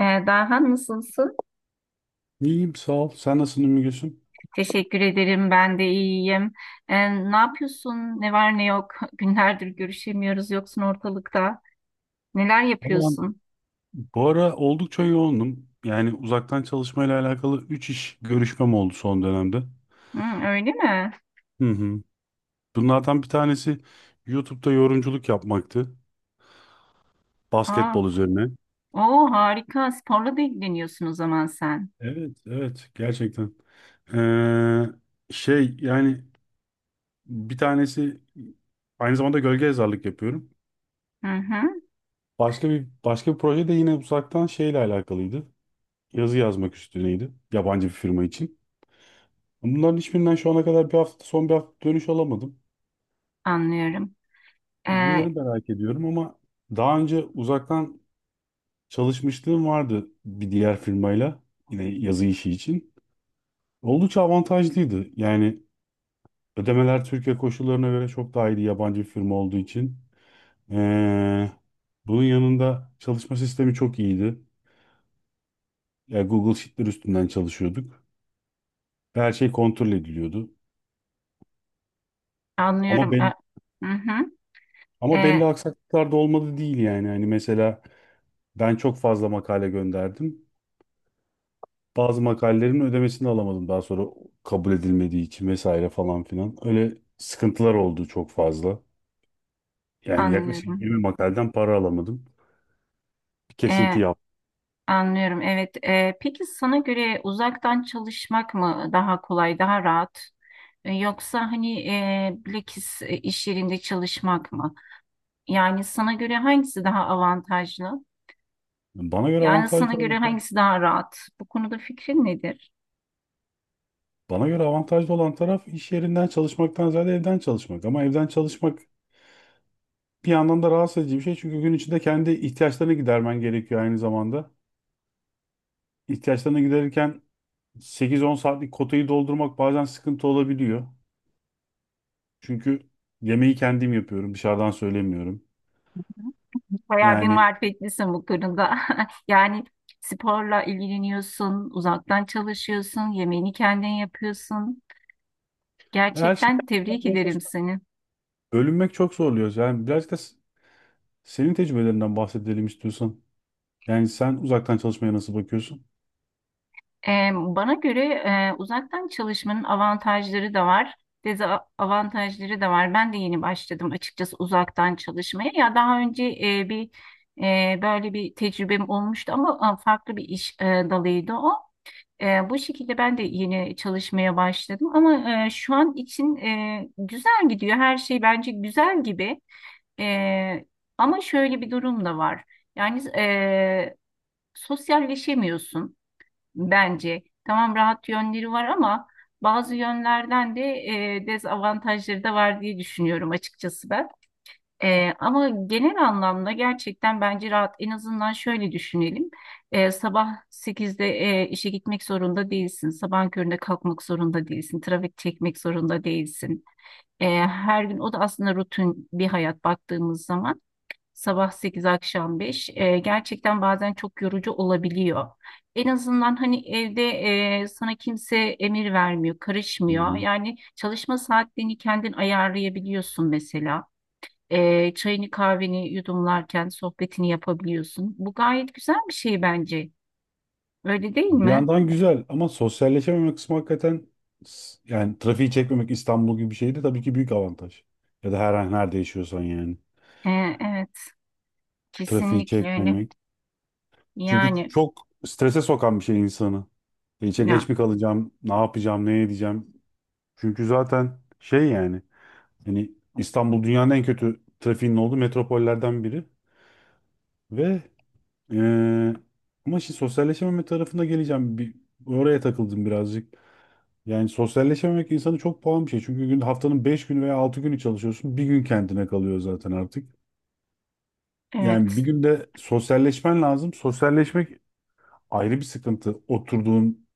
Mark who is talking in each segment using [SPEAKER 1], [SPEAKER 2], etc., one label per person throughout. [SPEAKER 1] Daha nasılsın?
[SPEAKER 2] İyiyim sağ ol. Sen nasılsın Ümmü Gülsüm?
[SPEAKER 1] Teşekkür ederim. Ben de iyiyim. Ne yapıyorsun? Ne var ne yok? Günlerdir görüşemiyoruz. Yoksun ortalıkta. Neler
[SPEAKER 2] Vallahi
[SPEAKER 1] yapıyorsun?
[SPEAKER 2] bu ara oldukça yoğundum. Yani uzaktan çalışmayla alakalı 3 iş görüşmem oldu son dönemde.
[SPEAKER 1] Hı, öyle mi?
[SPEAKER 2] Hı hı. Bunlardan bir tanesi YouTube'da yorumculuk yapmaktı.
[SPEAKER 1] Aa,
[SPEAKER 2] Basketbol üzerine.
[SPEAKER 1] o harika. Sporla da ilgileniyorsun o zaman sen.
[SPEAKER 2] Evet, evet gerçekten. Ee, şey yani bir tanesi aynı zamanda gölge yazarlık yapıyorum.
[SPEAKER 1] Hı hı,
[SPEAKER 2] Başka bir proje de yine uzaktan şeyle alakalıydı. Yazı yazmak üstüneydi. Yabancı bir firma için. Bunların hiçbirinden şu ana kadar son bir hafta dönüş alamadım.
[SPEAKER 1] anlıyorum. Ee,
[SPEAKER 2] Bunları merak ediyorum ama daha önce uzaktan çalışmışlığım vardı bir diğer firmayla yine yazı işi için. Oldukça avantajlıydı. Yani ödemeler Türkiye koşullarına göre çok daha iyiydi yabancı bir firma olduğu için. Ee, bunun yanında çalışma sistemi çok iyiydi. Yani Google Sheet'ler üstünden çalışıyorduk. Ve her şey kontrol ediliyordu. Ama
[SPEAKER 1] Anlıyorum.
[SPEAKER 2] ben
[SPEAKER 1] Hı hı,
[SPEAKER 2] ama
[SPEAKER 1] ee,
[SPEAKER 2] belli aksaklıklar da olmadı değil yani. Hani mesela ben çok fazla makale gönderdim. Bazı makalelerin ödemesini alamadım daha sonra kabul edilmediği için vesaire falan filan. Öyle sıkıntılar oldu çok fazla. Yani yaklaşık
[SPEAKER 1] anlıyorum.
[SPEAKER 2] 20 makaleden para alamadım. Bir kesinti
[SPEAKER 1] Ee,
[SPEAKER 2] yaptım.
[SPEAKER 1] Anlıyorum. Evet. Peki sana göre uzaktan çalışmak mı daha kolay, daha rahat? Yoksa hani bilakis iş yerinde çalışmak mı? Yani sana göre hangisi daha avantajlı?
[SPEAKER 2] Bana göre
[SPEAKER 1] Yani
[SPEAKER 2] avantajlı
[SPEAKER 1] sana göre
[SPEAKER 2] olmasa,
[SPEAKER 1] hangisi daha rahat? Bu konuda fikrin nedir?
[SPEAKER 2] bana göre avantajlı olan taraf iş yerinden çalışmaktan ziyade evden çalışmak. Ama evden çalışmak bir yandan da rahatsız edici bir şey. Çünkü gün içinde kendi ihtiyaçlarını gidermen gerekiyor aynı zamanda. İhtiyaçlarını giderirken 8-10 saatlik kotayı doldurmak bazen sıkıntı olabiliyor. Çünkü yemeği kendim yapıyorum. Dışarıdan söylemiyorum.
[SPEAKER 1] Bayağı bir
[SPEAKER 2] Yani
[SPEAKER 1] marifetlisin bu konuda. Yani sporla ilgileniyorsun, uzaktan çalışıyorsun, yemeğini kendin yapıyorsun.
[SPEAKER 2] her şey
[SPEAKER 1] Gerçekten tebrik
[SPEAKER 2] yapmaya
[SPEAKER 1] ederim
[SPEAKER 2] çalışmak.
[SPEAKER 1] seni.
[SPEAKER 2] Bölünmek çok zorluyor. Yani birazcık da senin tecrübelerinden bahsedelim istiyorsan. Yani sen uzaktan çalışmaya nasıl bakıyorsun?
[SPEAKER 1] Bana göre uzaktan çalışmanın avantajları da var, dezavantajları da var. Ben de yeni başladım açıkçası uzaktan çalışmaya. Ya daha önce bir böyle bir tecrübem olmuştu ama farklı bir iş dalıydı o. Bu şekilde ben de yeni çalışmaya başladım ama şu an için güzel gidiyor. Her şey bence güzel gibi. E, Ama şöyle bir durum da var. Yani sosyalleşemiyorsun bence. Tamam, rahat yönleri var ama bazı yönlerden de dezavantajları da var diye düşünüyorum açıkçası ben. Ama genel anlamda gerçekten bence rahat. En azından şöyle düşünelim. Sabah sekizde işe gitmek zorunda değilsin. Sabah köründe kalkmak zorunda değilsin. Trafik çekmek zorunda değilsin. Her gün o da aslında rutin bir hayat baktığımız zaman. Sabah 8 akşam 5 gerçekten bazen çok yorucu olabiliyor. En azından hani evde sana kimse emir vermiyor,
[SPEAKER 2] Hı
[SPEAKER 1] karışmıyor.
[SPEAKER 2] hı.
[SPEAKER 1] Yani çalışma saatlerini kendin ayarlayabiliyorsun mesela. Çayını kahveni yudumlarken sohbetini yapabiliyorsun. Bu gayet güzel bir şey bence. Öyle değil
[SPEAKER 2] Bir
[SPEAKER 1] mi?
[SPEAKER 2] yandan güzel ama sosyalleşememe kısmı hakikaten yani trafiği çekmemek İstanbul gibi bir şeyde tabii ki büyük avantaj. Ya da her an nerede yaşıyorsan yani.
[SPEAKER 1] E, evet,
[SPEAKER 2] Trafiği
[SPEAKER 1] kesinlikle öyle.
[SPEAKER 2] çekmemek. Çünkü
[SPEAKER 1] Yani
[SPEAKER 2] çok strese sokan bir şey insanı. İçe
[SPEAKER 1] ya
[SPEAKER 2] geç mi kalacağım, ne yapacağım, ne edeceğim. Çünkü zaten şey yani hani İstanbul dünyanın en kötü trafiğinin olduğu metropollerden biri ve eee ama şimdi sosyalleşememe tarafına geleceğim. Bir, oraya takıldım birazcık. Yani sosyalleşememek insanı çok pahalı bir şey. Çünkü gün, haftanın 5 günü veya 6 günü çalışıyorsun. Bir gün kendine kalıyor zaten artık. Yani
[SPEAKER 1] evet.
[SPEAKER 2] bir günde sosyalleşmen lazım. Sosyalleşmek ayrı bir sıkıntı. Oturduğun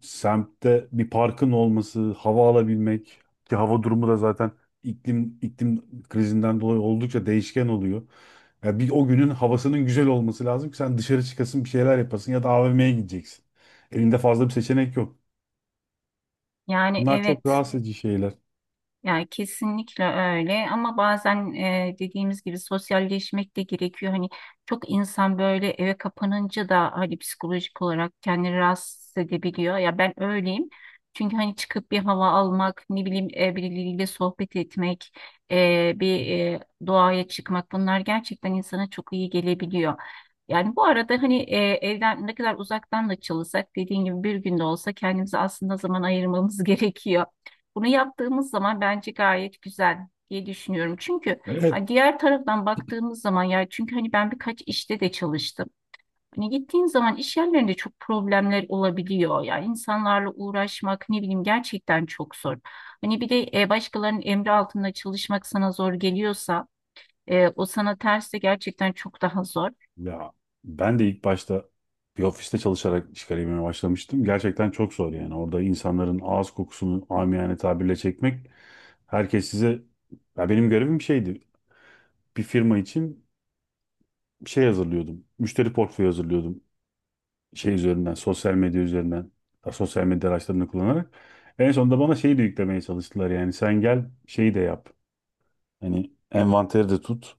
[SPEAKER 2] semtte bir parkın olması, hava alabilmek ki hava durumu da zaten iklim krizinden dolayı oldukça değişken oluyor. Ya bir o günün havasının güzel olması lazım ki sen dışarı çıkasın, bir şeyler yapasın ya da AVM'ye gideceksin. Elinde fazla bir seçenek yok.
[SPEAKER 1] Yani
[SPEAKER 2] Bunlar çok
[SPEAKER 1] evet.
[SPEAKER 2] rahatsız edici şeyler.
[SPEAKER 1] Yani kesinlikle öyle ama bazen dediğimiz gibi sosyalleşmek de gerekiyor. Hani çok insan böyle eve kapanınca da hani psikolojik olarak kendini rahatsız edebiliyor. Ya ben öyleyim. Çünkü hani çıkıp bir hava almak, ne bileyim birileriyle sohbet etmek, e, bir e, doğaya çıkmak bunlar gerçekten insana çok iyi gelebiliyor. Yani bu arada hani evden ne kadar uzaktan da çalışsak dediğin gibi bir günde olsa kendimize aslında zaman ayırmamız gerekiyor. Bunu yaptığımız zaman bence gayet güzel diye düşünüyorum. Çünkü
[SPEAKER 2] Evet.
[SPEAKER 1] ya, diğer taraftan baktığımız zaman ya çünkü hani ben birkaç işte de çalıştım. Hani gittiğin zaman iş yerlerinde çok problemler olabiliyor. Yani insanlarla uğraşmak ne bileyim gerçekten çok zor. Hani bir de başkalarının emri altında çalışmak sana zor geliyorsa o sana terse gerçekten çok daha zor.
[SPEAKER 2] Ya ben de ilk başta bir ofiste çalışarak iş kariyerime başlamıştım. Gerçekten çok zor yani. Orada insanların ağız kokusunu amiyane tabirle çekmek. Herkes size ya benim görevim şeydi. Bir firma için şey hazırlıyordum. Müşteri portföyü hazırlıyordum. Şey üzerinden, sosyal medya üzerinden, sosyal medya araçlarını kullanarak. En sonunda bana şeyi de yüklemeye çalıştılar yani sen gel şeyi de yap. Hani envanteri de tut,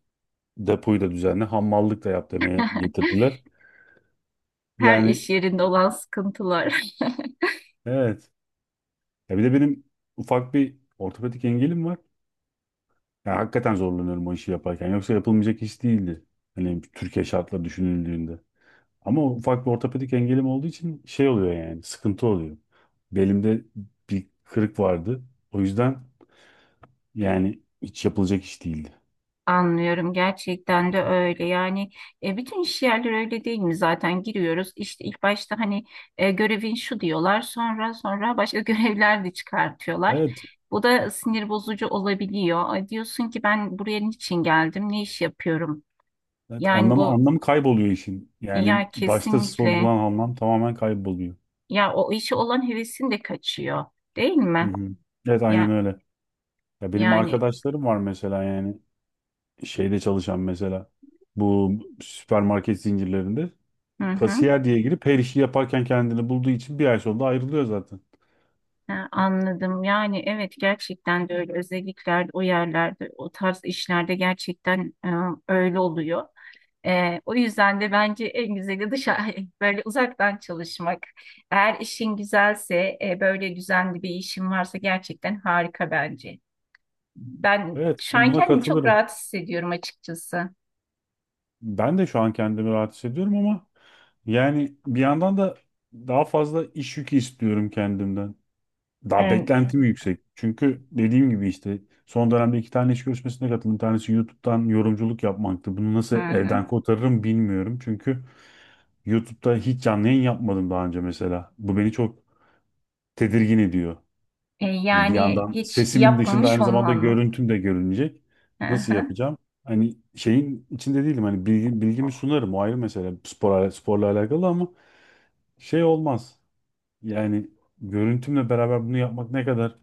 [SPEAKER 2] depoyu da düzenle, hamallık da yap demeye getirdiler.
[SPEAKER 1] Her
[SPEAKER 2] Yani
[SPEAKER 1] iş yerinde olan sıkıntılar.
[SPEAKER 2] evet. Ya bir de benim ufak bir ortopedik engelim var. Ya hakikaten zorlanıyorum o işi yaparken. Yoksa yapılmayacak iş değildi. Hani Türkiye şartları düşünüldüğünde. Ama ufak bir ortopedik engelim olduğu için şey oluyor yani sıkıntı oluyor. Belimde bir kırık vardı. O yüzden yani hiç yapılacak iş değildi.
[SPEAKER 1] Anlıyorum, gerçekten de öyle yani bütün iş yerleri öyle değil mi, zaten giriyoruz işte ilk başta hani görevin şu diyorlar, sonra başka görevler de çıkartıyorlar,
[SPEAKER 2] Evet,
[SPEAKER 1] bu da sinir bozucu olabiliyor. Ay, diyorsun ki ben buraya niçin geldim, ne iş yapıyorum
[SPEAKER 2] evet
[SPEAKER 1] yani.
[SPEAKER 2] anlamı
[SPEAKER 1] Bu
[SPEAKER 2] anlamı kayboluyor işin. Yani
[SPEAKER 1] ya
[SPEAKER 2] başta
[SPEAKER 1] kesinlikle
[SPEAKER 2] sorulan anlam tamamen kayboluyor.
[SPEAKER 1] ya, o işe olan hevesin de kaçıyor değil
[SPEAKER 2] Hı
[SPEAKER 1] mi
[SPEAKER 2] hı. Evet aynen
[SPEAKER 1] ya
[SPEAKER 2] öyle. Ya benim
[SPEAKER 1] yani.
[SPEAKER 2] arkadaşlarım var mesela yani şeyde çalışan mesela bu süpermarket zincirlerinde
[SPEAKER 1] Hı hı.
[SPEAKER 2] kasiyer diye girip her işi yaparken kendini bulduğu için bir ay sonra ayrılıyor zaten.
[SPEAKER 1] Ha, anladım. Yani evet, gerçekten de öyle. Özelliklerde o yerlerde, o tarz işlerde gerçekten öyle oluyor. O yüzden de bence en güzeli dışarı böyle uzaktan çalışmak. Eğer işin güzelse, böyle düzenli bir işin varsa gerçekten harika bence. Ben
[SPEAKER 2] Evet
[SPEAKER 1] şu an
[SPEAKER 2] buna
[SPEAKER 1] kendimi çok
[SPEAKER 2] katılırım.
[SPEAKER 1] rahat hissediyorum açıkçası.
[SPEAKER 2] Ben de şu an kendimi rahat hissediyorum ama yani bir yandan da daha fazla iş yükü istiyorum kendimden. Daha
[SPEAKER 1] E,
[SPEAKER 2] beklentim yüksek. Çünkü dediğim gibi işte son dönemde 2 tane iş görüşmesine katıldım. Bir tanesi YouTube'dan yorumculuk yapmaktı. Bunu
[SPEAKER 1] hı
[SPEAKER 2] nasıl
[SPEAKER 1] hı.
[SPEAKER 2] elden kotarırım bilmiyorum. Çünkü YouTube'da hiç canlı yayın yapmadım daha önce mesela. Bu beni çok tedirgin ediyor. Yani bir
[SPEAKER 1] Yani
[SPEAKER 2] yandan
[SPEAKER 1] hiç
[SPEAKER 2] sesimin dışında
[SPEAKER 1] yapmamış
[SPEAKER 2] aynı zamanda
[SPEAKER 1] olman mı?
[SPEAKER 2] görüntüm de görünecek.
[SPEAKER 1] Hı
[SPEAKER 2] Nasıl
[SPEAKER 1] hı.
[SPEAKER 2] yapacağım? Hani şeyin içinde değilim. Hani bilgimi sunarım. O ayrı mesele. Sporla alakalı ama şey olmaz. Yani görüntümle beraber bunu yapmak ne kadar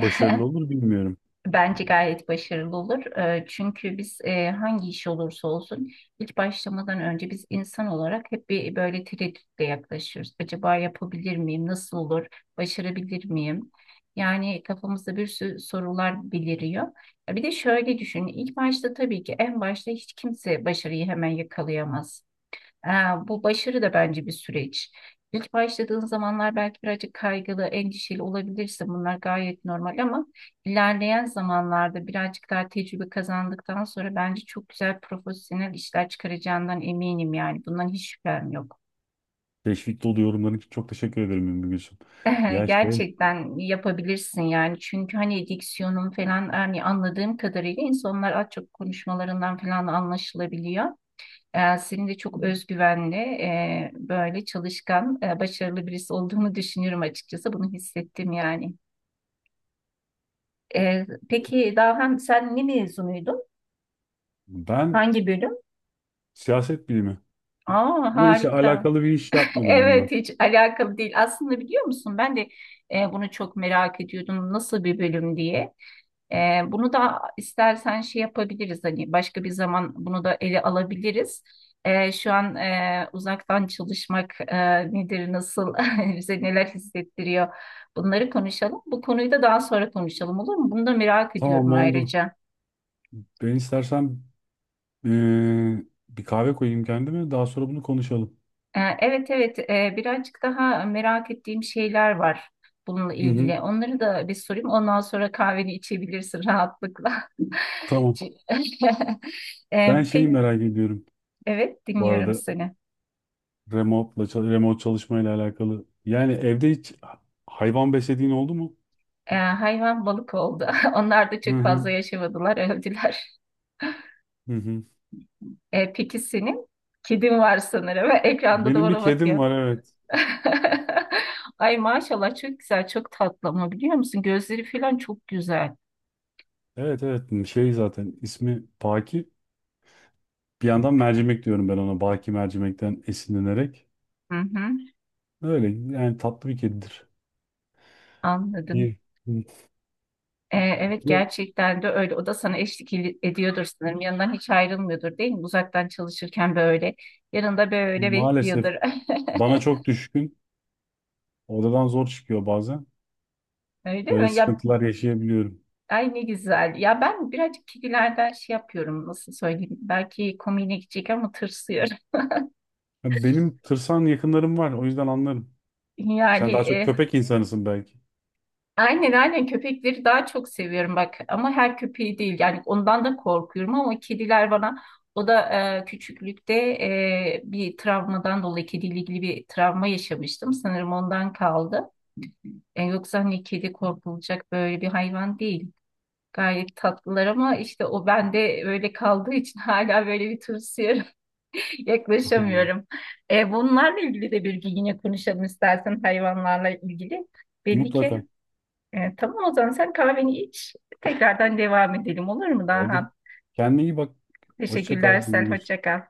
[SPEAKER 2] olur bilmiyorum.
[SPEAKER 1] Bence gayet başarılı olur. Çünkü biz hangi iş olursa olsun ilk başlamadan önce biz insan olarak hep bir böyle tereddütle yaklaşıyoruz. Acaba yapabilir miyim? Nasıl olur? Başarabilir miyim? Yani kafamızda bir sürü sorular beliriyor. Ya bir de şöyle düşün. İlk başta tabii ki en başta hiç kimse başarıyı hemen yakalayamaz. Ee, Bu başarı da bence bir süreç. İlk başladığın zamanlar belki birazcık kaygılı, endişeli olabilirsin. Bunlar gayet normal ama ilerleyen zamanlarda birazcık daha tecrübe kazandıktan sonra bence çok güzel profesyonel işler çıkaracağından eminim yani. Bundan hiç şüphem yok.
[SPEAKER 2] Teşvik dolu yorumların için çok teşekkür ederim Ümmü Gülsüm. Ya şey
[SPEAKER 1] Gerçekten yapabilirsin yani. Çünkü hani diksiyonun falan hani anladığım kadarıyla insanlar az çok konuşmalarından falan anlaşılabiliyor. Senin de çok özgüvenli, böyle çalışkan, başarılı birisi olduğunu düşünüyorum açıkçası. Bunu hissettim yani. Peki Dahan, sen ne mezunuydun?
[SPEAKER 2] ben
[SPEAKER 1] Hangi bölüm?
[SPEAKER 2] siyaset bilimi
[SPEAKER 1] Aa,
[SPEAKER 2] ama hiç
[SPEAKER 1] harika.
[SPEAKER 2] alakalı bir iş yapmadım onunla.
[SPEAKER 1] Evet, hiç alakalı değil. Aslında biliyor musun, ben de bunu çok merak ediyordum. Nasıl bir bölüm diye. Bunu da istersen şey yapabiliriz, hani başka bir zaman bunu da ele alabiliriz. Şu an uzaktan çalışmak nedir, nasıl, bize neler hissettiriyor, bunları konuşalım. Bu konuyu da daha sonra konuşalım olur mu? Bunu da merak
[SPEAKER 2] Tamam
[SPEAKER 1] ediyorum
[SPEAKER 2] oldu.
[SPEAKER 1] ayrıca.
[SPEAKER 2] Ben istersen bir kahve koyayım kendime daha sonra bunu konuşalım.
[SPEAKER 1] Evet, evet, birazcık daha merak ettiğim şeyler var bununla
[SPEAKER 2] Hı hı.
[SPEAKER 1] ilgili. Onları da bir sorayım, ondan sonra kahveni içebilirsin rahatlıkla.
[SPEAKER 2] Tamam. Ben şeyi
[SPEAKER 1] Peki,
[SPEAKER 2] merak ediyorum.
[SPEAKER 1] evet,
[SPEAKER 2] Bu
[SPEAKER 1] dinliyorum
[SPEAKER 2] arada
[SPEAKER 1] seni.
[SPEAKER 2] remote çalışmayla alakalı. Yani evde hiç hayvan beslediğin oldu mu?
[SPEAKER 1] Hayvan balık oldu. Onlar da
[SPEAKER 2] Hı
[SPEAKER 1] çok
[SPEAKER 2] hı.
[SPEAKER 1] fazla yaşamadılar, öldüler.
[SPEAKER 2] Hı hı.
[SPEAKER 1] Peki senin? Kedin var sanırım. Ekranda da
[SPEAKER 2] Benim bir
[SPEAKER 1] ona
[SPEAKER 2] kedim
[SPEAKER 1] bakıyor.
[SPEAKER 2] var evet.
[SPEAKER 1] Ay maşallah, çok güzel, çok tatlı ama biliyor musun? Gözleri falan çok güzel.
[SPEAKER 2] Evet evet şey zaten ismi Baki. Bir yandan mercimek diyorum ben ona. Baki mercimekten esinlenerek.
[SPEAKER 1] Hı hı,
[SPEAKER 2] Öyle yani tatlı bir kedidir.
[SPEAKER 1] anladım.
[SPEAKER 2] İyi.
[SPEAKER 1] Evet,
[SPEAKER 2] Ve
[SPEAKER 1] gerçekten de öyle. O da sana eşlik ediyordur sanırım. Yanından hiç ayrılmıyordur değil mi? Uzaktan çalışırken böyle. Yanında böyle
[SPEAKER 2] maalesef
[SPEAKER 1] bekliyordur.
[SPEAKER 2] bana çok düşkün. Odadan zor çıkıyor bazen.
[SPEAKER 1] Öyle mi?
[SPEAKER 2] Böyle
[SPEAKER 1] Ya,
[SPEAKER 2] sıkıntılar yaşayabiliyorum.
[SPEAKER 1] ay ne güzel. Ya ben birazcık kedilerden şey yapıyorum, nasıl söyleyeyim. Belki komiğine gidecek ama tırsıyorum.
[SPEAKER 2] Ya benim tırsan yakınlarım var o yüzden anlarım.
[SPEAKER 1] Yani
[SPEAKER 2] Sen daha çok köpek insanısın belki.
[SPEAKER 1] aynen aynen köpekleri daha çok seviyorum bak. Ama her köpeği değil. Yani ondan da korkuyorum ama kediler bana, o da küçüklükte bir travmadan dolayı kediyle ilgili bir travma yaşamıştım. Sanırım ondan kaldı. Yoksa hani kedi korkulacak böyle bir hayvan değil. Gayet tatlılar ama işte o bende öyle kaldığı için hala böyle bir tırsıyorum.
[SPEAKER 2] Anlıyorum.
[SPEAKER 1] Yaklaşamıyorum. Bunlarla ilgili de bir gün yine konuşalım istersen, hayvanlarla ilgili. Belli ki.
[SPEAKER 2] Mutlaka.
[SPEAKER 1] Tamam, o zaman sen kahveni iç. Tekrardan devam edelim olur mu
[SPEAKER 2] Aldım.
[SPEAKER 1] daha?
[SPEAKER 2] Kendine iyi bak. Hoşça
[SPEAKER 1] Teşekkürler
[SPEAKER 2] kal.
[SPEAKER 1] Sel.
[SPEAKER 2] Görüşürüz.
[SPEAKER 1] Hoşça kal.